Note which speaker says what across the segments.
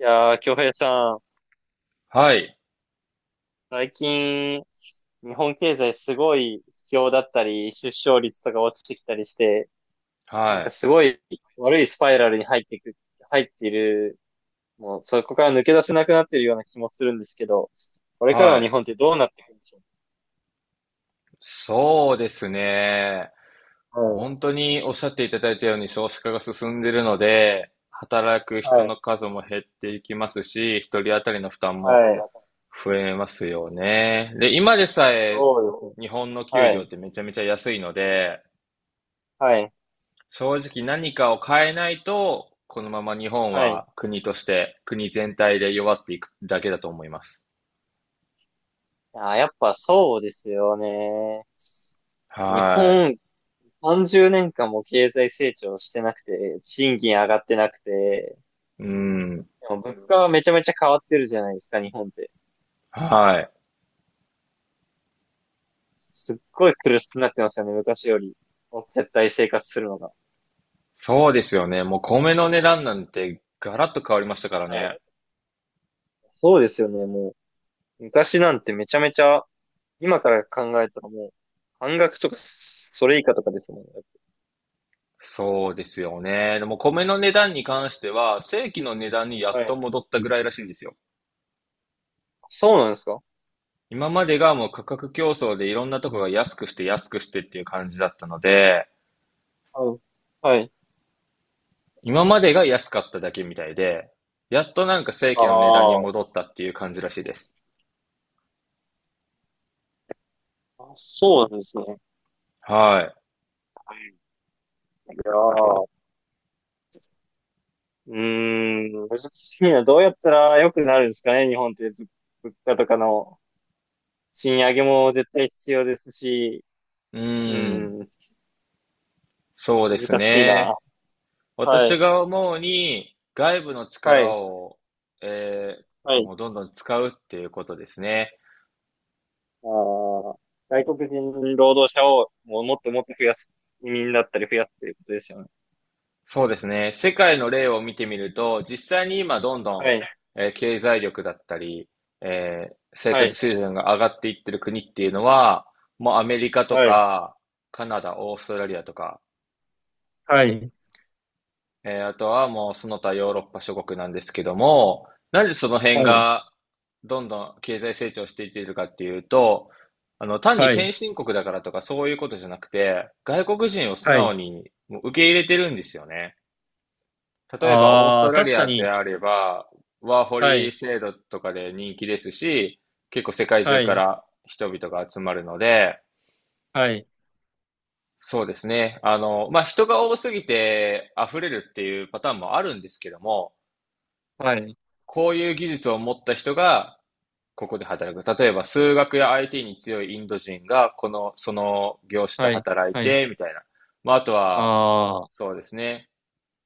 Speaker 1: いやー、京平さん、
Speaker 2: はい、
Speaker 1: 最近、日本経済すごい不況だったり、出生率とか落ちてきたりして、なん
Speaker 2: は
Speaker 1: か
Speaker 2: い、
Speaker 1: すごい悪いスパイラルに入っている、もうそこから抜け出せなくなっているような気もするんですけど、これから
Speaker 2: は
Speaker 1: の日
Speaker 2: い。
Speaker 1: 本ってどうなっていくんでしょ
Speaker 2: そうですね。
Speaker 1: う
Speaker 2: 本当におっしゃっていただいたように少子化が進んでいるので、働く
Speaker 1: か？
Speaker 2: 人
Speaker 1: はい、
Speaker 2: の数も減っていきますし、一人当たりの負担
Speaker 1: は
Speaker 2: も
Speaker 1: い、はい。
Speaker 2: 増えますよね。で、今でさえ
Speaker 1: そうですね。
Speaker 2: 日本の給
Speaker 1: は
Speaker 2: 料っ
Speaker 1: い、
Speaker 2: てめちゃめちゃ安いので、
Speaker 1: はい、
Speaker 2: 正直何かを変えないと、このまま日本
Speaker 1: はい。
Speaker 2: は国として、国全体で弱っていくだけだと思います。
Speaker 1: あー、やっぱそうですよね。日
Speaker 2: は
Speaker 1: 本30年間も経済成長してなくて、賃金上がってなくて、
Speaker 2: い。うん。
Speaker 1: でも物価はめちゃめちゃ変わってるじゃないですか、日本って。
Speaker 2: はい。
Speaker 1: すっごい苦しくなってますよね、昔より。絶対生活するのが。
Speaker 2: そうですよね。もう米の値段なんてガラッと変わりましたから
Speaker 1: は
Speaker 2: ね。
Speaker 1: い。そうですよね、もう。昔なんてめちゃめちゃ、今から考えたらもう、半額とか、それ以下とかですもんね。
Speaker 2: そうですよね。でも米の値段に関しては、正規の値段にやっ
Speaker 1: は
Speaker 2: と
Speaker 1: い。
Speaker 2: 戻ったぐらいらしいですよ。
Speaker 1: そうなんですか？
Speaker 2: 今までがもう価格競争でいろんなとこが安くして安くしてっていう感じだったので、
Speaker 1: はい。はい。
Speaker 2: 今までが安かっただけみたいで、やっとなんか正
Speaker 1: あ
Speaker 2: 規の値段に
Speaker 1: ー、
Speaker 2: 戻ったっていう感じらしいです。
Speaker 1: あ、そうなんですね。
Speaker 2: は
Speaker 1: はい。いやー、うーん、難しいな。どうやったら良くなるんですかね、日本って、物価とかの賃上げも絶対必要ですし、
Speaker 2: い。う
Speaker 1: う
Speaker 2: ーん。
Speaker 1: ん、
Speaker 2: そうです
Speaker 1: 難しいな。
Speaker 2: ね。
Speaker 1: は
Speaker 2: 私
Speaker 1: い、
Speaker 2: が思うに、外部の
Speaker 1: は
Speaker 2: 力
Speaker 1: い、
Speaker 2: を、えー
Speaker 1: はい。
Speaker 2: もうどんどん使うっていうことですね。
Speaker 1: あー、外国人労働者をもうもっともっと増やす、移民だったり増やすということですよね。
Speaker 2: そうですね。世界の例を見てみると、実際に今どん
Speaker 1: は
Speaker 2: ど
Speaker 1: い、
Speaker 2: ん、経済力だったり、生
Speaker 1: は
Speaker 2: 活
Speaker 1: い、
Speaker 2: 水準が上がっていってる国っていうのは、もうアメリカと
Speaker 1: はい、
Speaker 2: か、カナダ、オーストラリアとか、
Speaker 1: はい、
Speaker 2: あとはもうその他ヨーロッパ諸国なんですけども、なんでその辺
Speaker 1: はい、
Speaker 2: がどんどん経済成長していっているかっていうと、単に
Speaker 1: は
Speaker 2: 先
Speaker 1: い、
Speaker 2: 進国だからとかそういうことじゃなくて、外国人を素
Speaker 1: はい。
Speaker 2: 直にもう受け入れてるんですよね。例えばオース
Speaker 1: あ
Speaker 2: ト
Speaker 1: あ、
Speaker 2: ラ
Speaker 1: 確
Speaker 2: リ
Speaker 1: か
Speaker 2: アで
Speaker 1: に。
Speaker 2: あれば、ワーホ
Speaker 1: は
Speaker 2: リ
Speaker 1: い、
Speaker 2: 制度とかで人気ですし、結構世界中
Speaker 1: は
Speaker 2: か
Speaker 1: い、
Speaker 2: ら人々が集まるので、
Speaker 1: はい、
Speaker 2: そうですね。まあ、人が多すぎて溢れるっていうパターンもあるんですけども、
Speaker 1: はい、
Speaker 2: こういう技術を持った人がここで働く。例えば、数学や IT に強いインド人が、この、その業種で
Speaker 1: はい、
Speaker 2: 働い
Speaker 1: はい。
Speaker 2: て、みたいな。まあ、あとは、
Speaker 1: ああ、
Speaker 2: そうですね。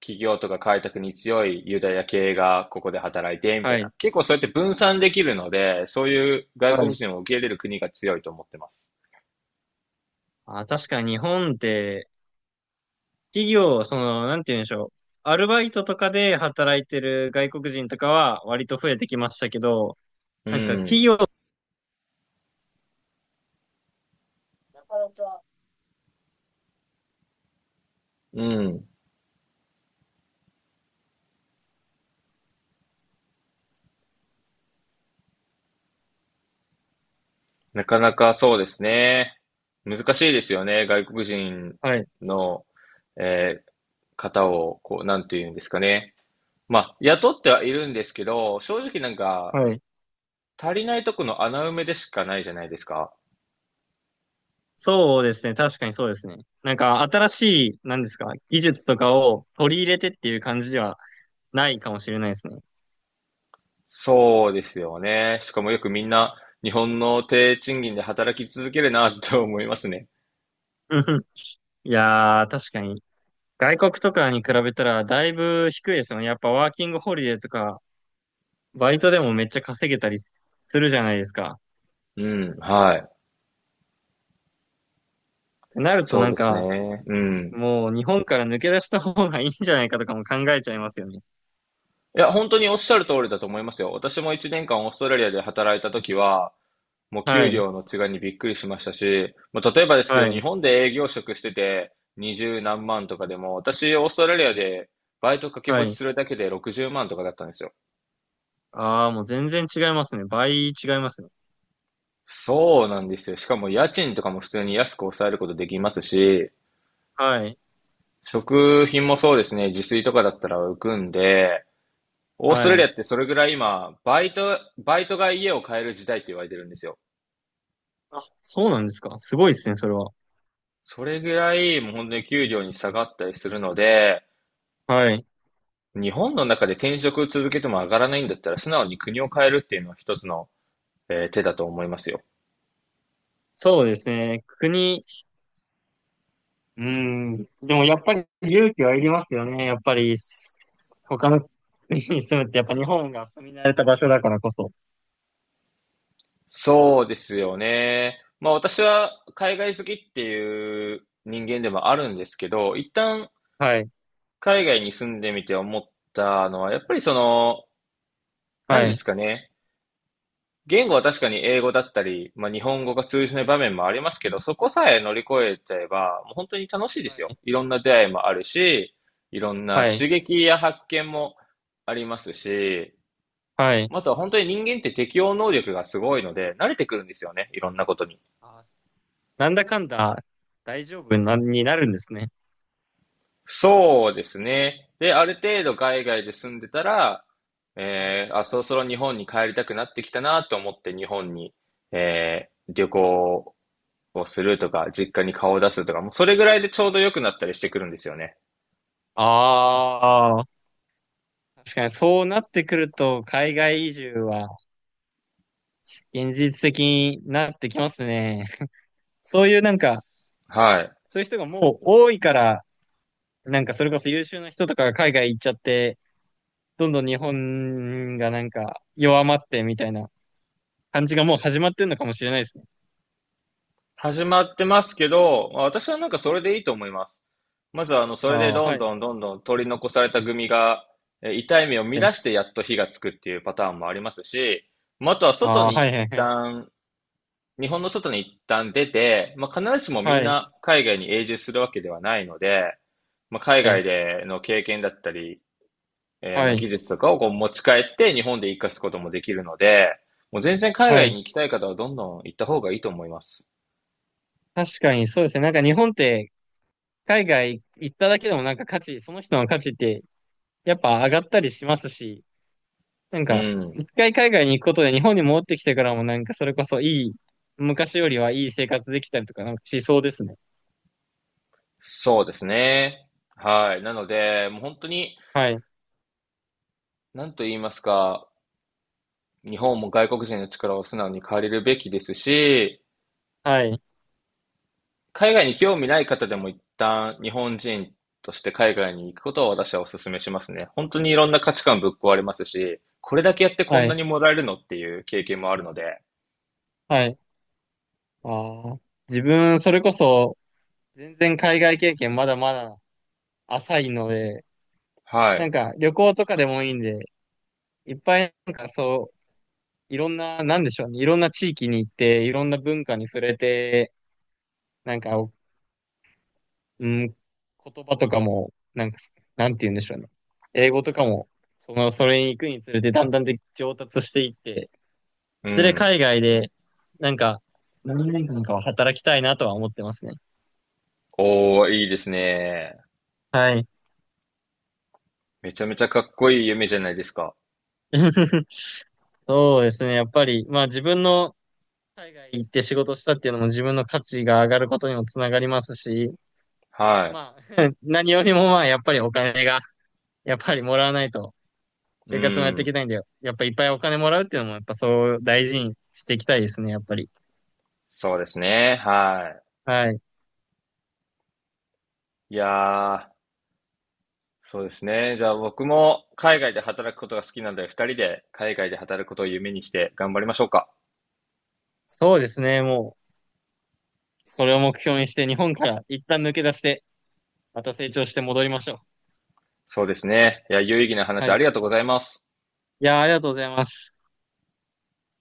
Speaker 2: 企業とか開拓に強いユダヤ系がここで働いて、みたい
Speaker 1: は
Speaker 2: な。
Speaker 1: い、
Speaker 2: 結構そうやって分散できるので、そういう外
Speaker 1: は
Speaker 2: 国
Speaker 1: い。
Speaker 2: 人を受け入れる国が強いと思ってます。
Speaker 1: あ、確かに日本って、企業、その、なんて言うんでしょう。アルバイトとかで働いてる外国人とかは割と増えてきましたけど、
Speaker 2: う
Speaker 1: なんか
Speaker 2: ん。
Speaker 1: 企業、なかなか。
Speaker 2: うん。なかなかそうですね。難しいですよね。外国人
Speaker 1: はい、
Speaker 2: の、えー方を、こう、なんていうんですかね。まあ、雇ってはいるんですけど、正直なんか、
Speaker 1: はい。
Speaker 2: 足りないとこの穴埋めでしかないじゃないですか。
Speaker 1: そうですね。確かにそうですね。なんか新しい、なんですか、技術とかを取り入れてっていう感じではないかもしれないですね。
Speaker 2: そうですよね。しかもよくみんな、日本の低賃金で働き続けるなって思いますね。
Speaker 1: うんふん。いやー、確かに。外国とかに比べたらだいぶ低いですよね。やっぱワーキングホリデーとか、バイトでもめっちゃ稼げたりするじゃないですか。
Speaker 2: うん、はい。
Speaker 1: てなると
Speaker 2: そう
Speaker 1: なん
Speaker 2: です
Speaker 1: か、
Speaker 2: ね。うん。
Speaker 1: もう日本から抜け出した方がいいんじゃないかとかも考えちゃいますよね。
Speaker 2: いや、本当におっしゃる通りだと思いますよ。私も1年間オーストラリアで働いた時は、もう
Speaker 1: は
Speaker 2: 給
Speaker 1: い。
Speaker 2: 料の違いにびっくりしましたし、もう例えばですけ
Speaker 1: は
Speaker 2: ど、日
Speaker 1: い。
Speaker 2: 本で営業職してて20何万とかでも、私、オーストラリアでバイト掛け
Speaker 1: は
Speaker 2: 持ち
Speaker 1: い。
Speaker 2: するだけで60万とかだったんですよ。
Speaker 1: ああ、もう全然違いますね。倍違いますね。
Speaker 2: そうなんですよ。しかも家賃とかも普通に安く抑えることできますし、
Speaker 1: はい。
Speaker 2: 食品もそうですね、自炊とかだったら浮くんで、オーストラ
Speaker 1: は
Speaker 2: リア
Speaker 1: い。
Speaker 2: ってそれぐらい今、バイトが家を買える時代って言われてるんですよ。
Speaker 1: あ、そうなんですか。すごいですね、それは。
Speaker 2: それぐらいもう本当に給料に下がったりするので、
Speaker 1: はい。
Speaker 2: 日本の中で転職続けても上がらないんだったら、素直に国を変えるっていうのは一つの、手だと思いますよ。
Speaker 1: そうですね。国、うーん。でもやっぱり勇気はいりますよね。やっぱり、他の 国に住むってやっぱ日本が住み慣れた場所だからこそ。
Speaker 2: そうですよね。まあ私は海外好きっていう人間でもあるんですけど、一旦
Speaker 1: はい。
Speaker 2: 海外に住んでみて思ったのは、やっぱりその、何
Speaker 1: は
Speaker 2: で
Speaker 1: い。
Speaker 2: すかね。言語は確かに英語だったり、まあ、日本語が通じない場面もありますけど、そこさえ乗り越えちゃえば、もう本当に楽しいで
Speaker 1: は
Speaker 2: すよ。
Speaker 1: い。
Speaker 2: いろんな出会いもあるし、いろんな
Speaker 1: はい。
Speaker 2: 刺激や発見もありますし、
Speaker 1: はい。
Speaker 2: あとは本当に人間って適応能力がすごいので、慣れてくるんですよね。いろんなことに。
Speaker 1: あー、なんだかんだ大丈夫な、になるんですね。
Speaker 2: そうですね。で、ある程度海外で住んでたら、
Speaker 1: はい。
Speaker 2: あ、そろそろ日本に帰りたくなってきたなと思って日本に、旅行をするとか、実家に顔を出すとか、もうそれぐらいでちょうど良くなったりしてくるんですよね。
Speaker 1: ああ、確かにそうなってくると、海外移住は現実的になってきますね。そういうなんか、
Speaker 2: はい。
Speaker 1: そういう人がもう多いから、なんかそれこそ優秀な人とかが海外行っちゃって、どんどん日本がなんか弱まってみたいな感じがもう始まってるのかもしれないですね。
Speaker 2: 始まってますけど、まあ私はなんかそれでいいと思います。まずはそ
Speaker 1: あ
Speaker 2: れで
Speaker 1: あ、
Speaker 2: どん
Speaker 1: はい。
Speaker 2: どんどんどん取り残された組が、痛い目を
Speaker 1: は
Speaker 2: 乱
Speaker 1: い。
Speaker 2: してやっと火がつくっていうパターンもありますし、まあ、あとは
Speaker 1: あ
Speaker 2: 外
Speaker 1: あ、
Speaker 2: に一
Speaker 1: はいはいはい。
Speaker 2: 旦、日本の外に一旦出て、まあ、必ずしもみん
Speaker 1: はい。
Speaker 2: な海外に永住するわけではないので、まあ、海
Speaker 1: はい。
Speaker 2: 外での経験だったり、
Speaker 1: は
Speaker 2: まあ、
Speaker 1: い。
Speaker 2: 技術とかをこう持ち帰って日本で活かすこともできるので、もう全然海
Speaker 1: は
Speaker 2: 外に
Speaker 1: い。
Speaker 2: 行きたい方はどんどん行った方がいいと思います。
Speaker 1: 確かにそうですね。なんか日本って海外行っただけでもなんか価値、その人の価値ってやっぱ上がったりしますし、なん
Speaker 2: う
Speaker 1: か
Speaker 2: ん。
Speaker 1: 一回海外に行くことで日本に戻ってきてからもなんかそれこそ昔よりはいい生活できたりとかなんかしそうですね。
Speaker 2: そうですね。はい。なので、もう本当に、
Speaker 1: はい、
Speaker 2: なんと言いますか、日本も外国人の力を素直に借りるべきですし、
Speaker 1: はい、
Speaker 2: 海外に興味ない方でも一旦日本人として海外に行くことを私はお勧めしますね。本当にいろんな価値観ぶっ壊れますし、これだけやってこ
Speaker 1: は
Speaker 2: んな
Speaker 1: い、
Speaker 2: にもらえるのっていう経験もあるので、
Speaker 1: はい。ああ、自分それこそ全然海外経験まだまだ浅いので、
Speaker 2: は
Speaker 1: な
Speaker 2: い。
Speaker 1: んか旅行とかでもいいんで、いっぱいなんかそう、いろんな、なんでしょうね、いろんな地域に行って、いろんな文化に触れて、なんか、うん、言葉とかも、なんか、なんて言うんでしょうね。英語とかも、その、それに行くにつれて、だんだんで上達していって、い
Speaker 2: う
Speaker 1: ずれ
Speaker 2: ん。
Speaker 1: 海外で、なんか、何年間かは働きたいなとは思ってますね。
Speaker 2: おー、いいですね。
Speaker 1: はい。
Speaker 2: めちゃめちゃかっこいい夢じゃないですか。
Speaker 1: そうですね。やっぱり、まあ自分の海外行って仕事したっていうのも自分の価値が上がることにもつながりますし、
Speaker 2: は
Speaker 1: まあ 何よりもまあやっぱりお金が、やっぱりもらわないと
Speaker 2: い。う
Speaker 1: 生活もやってい
Speaker 2: ん。
Speaker 1: きたいんだよ。やっぱいっぱいお金もらうっていうのも、やっぱそう大事にしていきたいですね、やっぱり。
Speaker 2: そうですね。は
Speaker 1: はい。
Speaker 2: い。いやー、そうですね。じゃあ僕も海外で働くことが好きなので、二人で海外で働くことを夢にして頑張りましょうか。
Speaker 1: そうですね、もう、それを目標にして日本から一旦抜け出して、また成長して戻りましょ
Speaker 2: そうですね。いや、有意義な
Speaker 1: う。
Speaker 2: 話
Speaker 1: はい。
Speaker 2: あ
Speaker 1: い
Speaker 2: りがとうございます。
Speaker 1: やー、ありがとうございます。